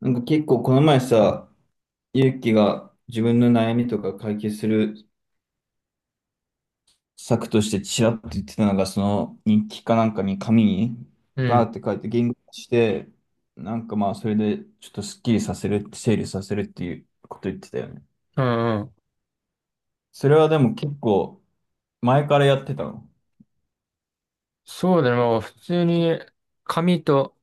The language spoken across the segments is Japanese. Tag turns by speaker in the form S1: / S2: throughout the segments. S1: なんか結構この前さ、ゆうきが自分の悩みとか解決する策としてちらっと言ってたのが、その日記かなんかに紙に
S2: う
S1: バー
S2: ん、
S1: って書いて言語化して、なんかまあそれでちょっとスッキリさせる、整理させるっていうこと言ってたよね。
S2: うんうん。
S1: それはでも結構前からやってたの。
S2: そうだね。もう普通に紙と、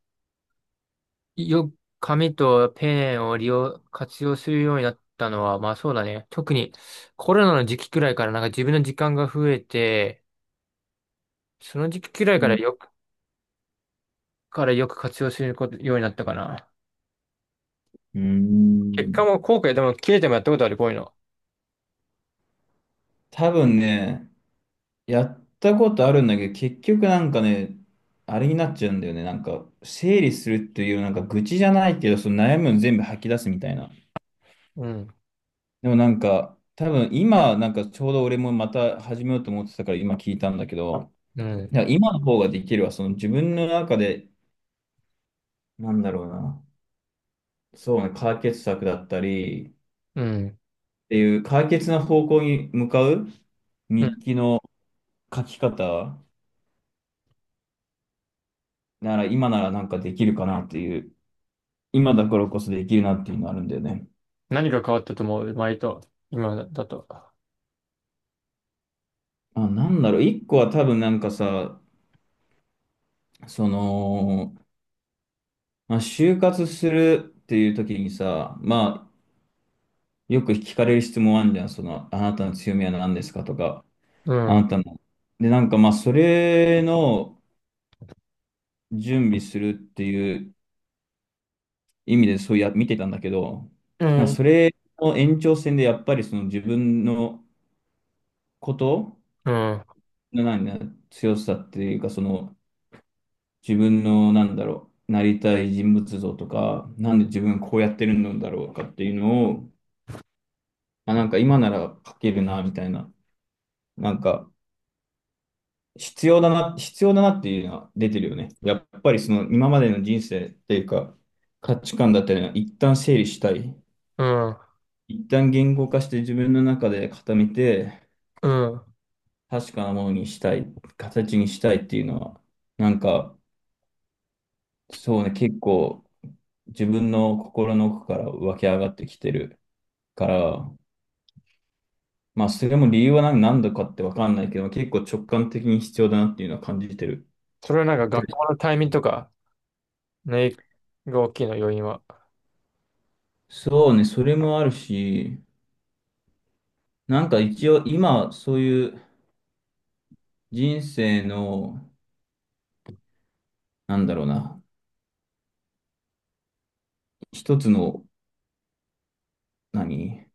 S2: よ、紙とペンを利用、活用するようになったのは、まあそうだね。特にコロナの時期くらいからなんか自分の時間が増えて、その時期くらい
S1: う
S2: から
S1: ん。
S2: よく、からよく活用すること、ようになったかな。
S1: うー
S2: 結果
S1: ん
S2: も後悔でも切れてもやったことある、こういうの。
S1: 多分ね、やったことあるんだけど、結局なんかね、あれになっちゃうんだよね。なんか、整理するっていう、なんか愚痴じゃないけど、その悩みを全部吐き出すみたいな。
S2: うん、
S1: でもなんか、多分今、なんかちょうど俺もまた始めようと思ってたから今聞いたんだけど、
S2: うん、
S1: いや今の方ができるわ。その自分の中で、なんだろうな。そうね、解決策だったり、っ
S2: うん、
S1: ていう解決の方向に向かう
S2: うん。
S1: 日記の書き方なら、今ならなんかできるかなっていう。今だからこそできるなっていうのあるんだよね。
S2: 何が変わったと思う前と、今だと。
S1: あ、なんだろう、一個は多分なんかさ、その、まあ、就活するっていう時にさ、まあ、よく聞かれる質問あるじゃん、その、あなたの強みは何ですかとか、
S2: うん、う
S1: あ
S2: ん、
S1: なたの。で、なんかまあ、それの準備するっていう意味でそうや、見てたんだけど、なんかそれの延長線でやっぱりその自分のこと
S2: うん、
S1: の何強さっていうか、その、自分の、なんだろう、なりたい人物像とか、なんで自分こうやってるんだろうかっていうのを、あ、なんか今なら書けるな、みたいな、なんか必要だな、必要だなっていうのは出てるよね。やっぱりその今までの人生っていうか、価値観だったりは一旦整理したい。
S2: うん、
S1: 一旦言語化して自分の中で固めて、
S2: うん。
S1: 確かなものにしたい、形にしたいっていうのは、なんか、そうね、結構自分の心の奥から湧き上がってきてる。から、まあ、それも理由は何なんだかってわかんないけど、結構直感的に必要だなっていうのは感じてる。
S2: それはなんか
S1: で、
S2: 学校のタイミングとか、ね、が大きいの、要因は。
S1: そうね、それもあるし、なんか一応今、そういう人生の、なんだろうな、一つの、何、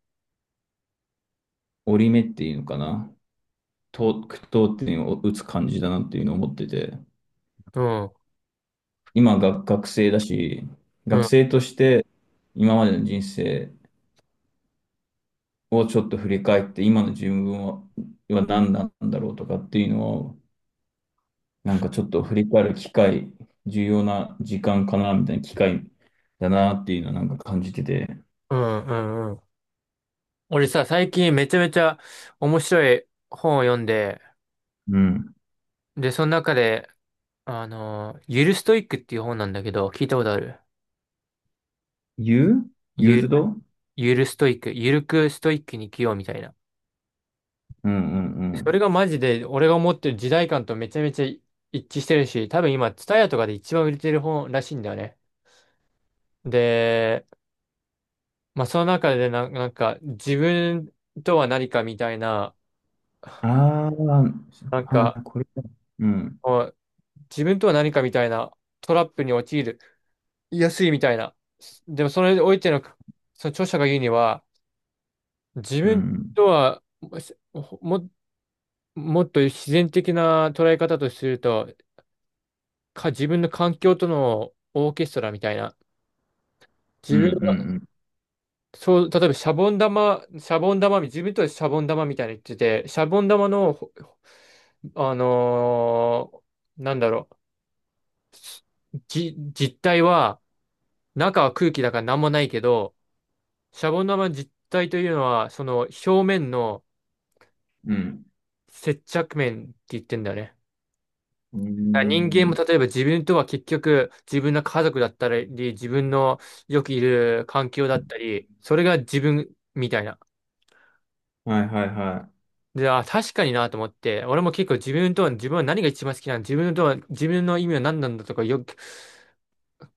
S1: 折り目っていうのかな、と、句読点を打つ感じだなっていうのを思ってて、
S2: うん、うん、
S1: 今が学生だし、
S2: う
S1: 学
S2: ん、
S1: 生として今までの人生をちょっと振り返って、今の自分は、何なんだろうとかっていうのを、なんかちょっと振り返る機会、重要な時間かな、みたいな機会だなっていうのはなんか感じてて。
S2: うん、うん。俺さ、最近めちゃめちゃ面白い本を読んで、
S1: うん。
S2: で、その中で、ゆるストイックっていう本なんだけど、聞いたことある
S1: ユーユー
S2: ゆ、
S1: ズドうん
S2: ゆるストイック、ゆるくストイックに生きようみたいな。
S1: うんう
S2: それ
S1: ん。
S2: がマジで、俺が思ってる時代感とめちゃめちゃ一致してるし、多分今、ツタヤとかで一番売れてる本らしいんだよね。で、まあ、その中でな、なんか、自分とは何かみたいな、
S1: ああ、は
S2: なんか、
S1: い、これだ。うん、
S2: 自分とは何かみたいなトラップに陥る。安いみたいな。でもそれにおいての、その著者が言うには、自
S1: う
S2: 分
S1: ん、
S2: とはも、もっと自然的な捉え方とすると、自分の環境とのオーケストラみたいな。
S1: う
S2: 自
S1: ん、う
S2: 分、
S1: ん、
S2: そう、例えばシャボン玉、自分とはシャボン玉みたいに言ってて、シャボン玉の、ほあのなんだろう、実体は、中は空気だから何もないけど、シャボン玉の実体というのは、その表面の
S1: うん、うん。
S2: 接着面って言ってんだよね。
S1: う
S2: だから人間も、
S1: ん、
S2: 例えば自分とは結局自分の家族だったり、自分のよくいる環境だったり、それが自分みたいな。
S1: はいはいは
S2: で、あ、確かになと思って、俺も結構自分とは、自分は何が一番好きなの、自分とは、自分の意味は何なんだとかよく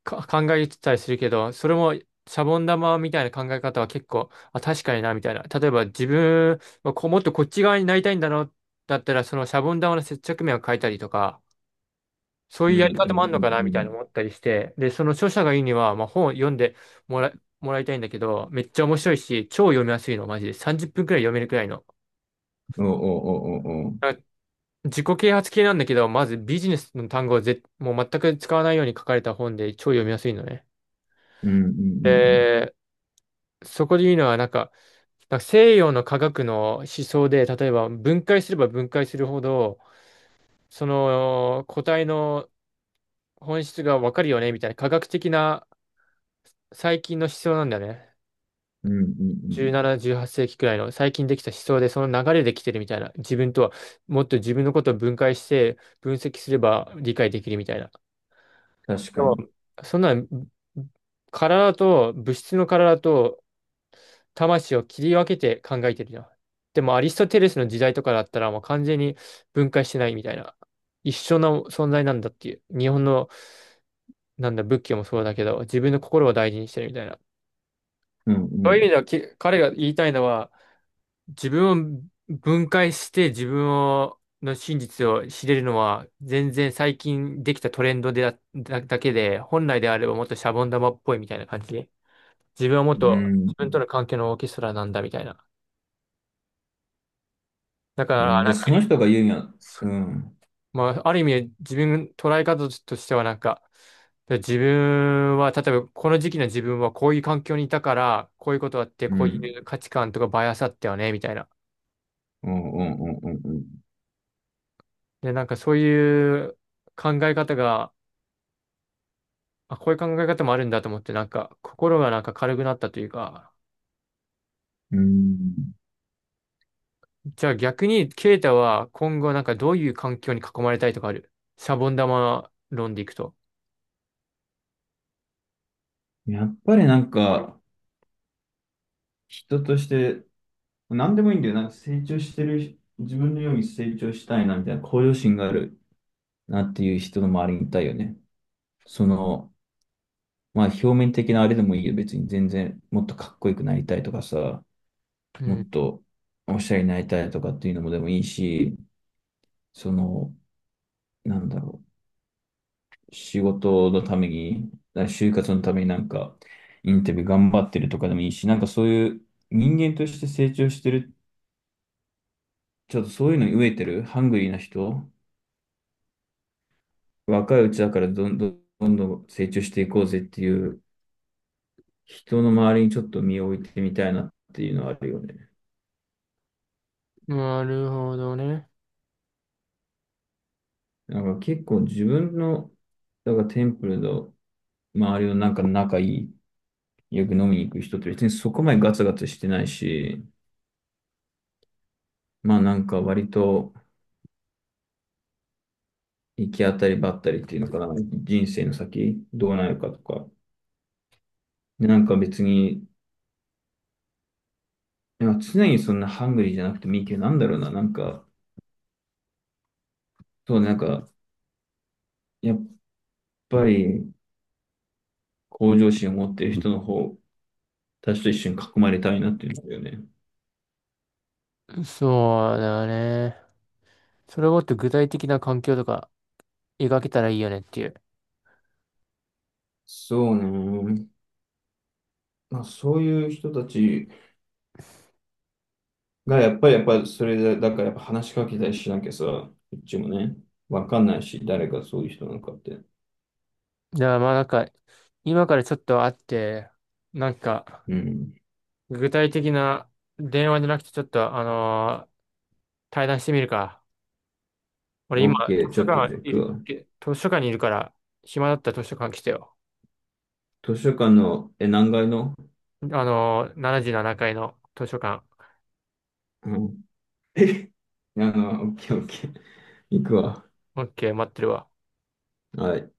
S2: 考えてたりするけど、それもシャボン玉みたいな考え方は結構、あ、確かにな、みたいな。例えば自分はこう、もっとこっち側になりたいんだな、だったら、そのシャボン玉の接着面を変えたりとか、そう
S1: い。う
S2: い
S1: ん、
S2: う
S1: う
S2: や
S1: ん、
S2: り方もあるのかなみ
S1: う
S2: たいな
S1: ん、
S2: 思ったりして、で、その著者が言うには、まあ、本を読んでもら、もらいたいんだけど、めっちゃ面白いし、超読みやすいの、マジで。30分くらい読めるくらいの。
S1: うん。おおおおお。
S2: なんか自己啓発系なんだけど、まずビジネスの単語をもう全く使わないように書かれた本で超読みやすいのね。
S1: うん、うん、うん、
S2: でそこで言うのは、なんか西洋の科学の思想で、例えば分解すれば分解するほど、その個体の本質がわかるよね、みたいな科学的な最近の思想なんだよね。
S1: うん、うん、うん。うん、
S2: 17、18世紀くらいの最近できた思想で、その流れで来てるみたいな。自分とは、もっと自分のことを分解して、分析すれば理解できるみたいな。
S1: 確
S2: で
S1: か
S2: も
S1: に。
S2: そんなん、物質の体と、魂を切り分けて考えてるじゃん。でもアリストテレスの時代とかだったらもう完全に分解してないみたいな。一緒の存在なんだっていう。日本のなんだ仏教もそうだけど、自分の心を大事にしてるみたいな。
S1: うん、う
S2: そういう
S1: ん、
S2: 意味では彼が言いたいのは、自分を分解して自分の真実を知れるのは全然最近できたトレンドでだけで、本来であればもっとシャボン玉っぽいみたいな感じで。自分はもっ
S1: う
S2: と
S1: ん。
S2: 自分との関係のオーケストラなんだみたいな。だか
S1: う
S2: ら、
S1: ん、じ
S2: な
S1: ゃ
S2: ん
S1: あ
S2: か
S1: そ
S2: 繰
S1: の
S2: り
S1: 人が言うには、うん、
S2: まあ、ある意味、自分、捉え方としてはなんか、で自分は、例えば、この時期の自分はこういう環境にいたから、こういうことあって、
S1: う
S2: こう
S1: ん。
S2: いう価値観とかバイアスあったよね、みたいな。
S1: うんうんうんうんうん。
S2: で、なんかそういう考え方が、あ、こういう考え方もあるんだと思って、なんか、心がなんか軽くなったというか、
S1: うん、
S2: じゃあ逆に、ケイタは今後なんかどういう環境に囲まれたいとかあるシャボン玉論でいくと。
S1: やっぱりなんか、人として、何でもいいんだよ。なんか成長してる、自分のように成長したいな、みたいな向上心があるなっていう人の周りにいたいよね。その、まあ表面的なあれでもいいよ。別に全然、もっとかっこよくなりたいとかさ、
S2: う
S1: も
S2: ん。
S1: っとおしゃれになりたいとかっていうのもでもいいし、その、なんだろう。仕事のために、就活のためになんか、インタビュー頑張ってるとかでもいいし、なんかそういう人間として成長してる、ちょっとそういうのに飢えてる、ハングリーな人、若いうちだからどんどんどんどん成長していこうぜっていう人の周りにちょっと身を置いてみたいなっていうのはあるよね。
S2: なるほどね。
S1: なんか結構自分の、だからテンプルの周りのなんか仲いい、よく飲みに行く人って別にそこまでガツガツしてないし、まあなんか割と、行き当たりばったりっていうのかな、人生の先、どうなるかとか、なんか別に、なんか常にそんなハングリーじゃなくてもいいけど、なんだろうな、なんか、そうね、なんか、やっぱり向上心を持ってる人の方、私と一緒に囲まれたいなっていうんだよね。
S2: そうだね。それをもっと具体的な環境とか描けたらいいよねっていう。
S1: そうね。まあ、そういう人たちが、やっぱり、やっぱり、それで、だからやっぱ話しかけたりしなきゃさ、こっちもね、わかんないし、誰がそういう人なのかって。
S2: だからまあなんか、今からちょっと会って、なんか、
S1: うん。
S2: 具体的な電話じゃなくてちょっと、対談してみるか。俺
S1: オ
S2: 今、
S1: ッケー、ちょっとじゃあ行くわ。
S2: 図書館にいるから、暇だったら図書館来てよ。
S1: 図書館の、何階の？
S2: あのー、7階の図書館。
S1: うん。オッケーオッケー。行くわ。
S2: オッケー、待ってるわ。
S1: はい。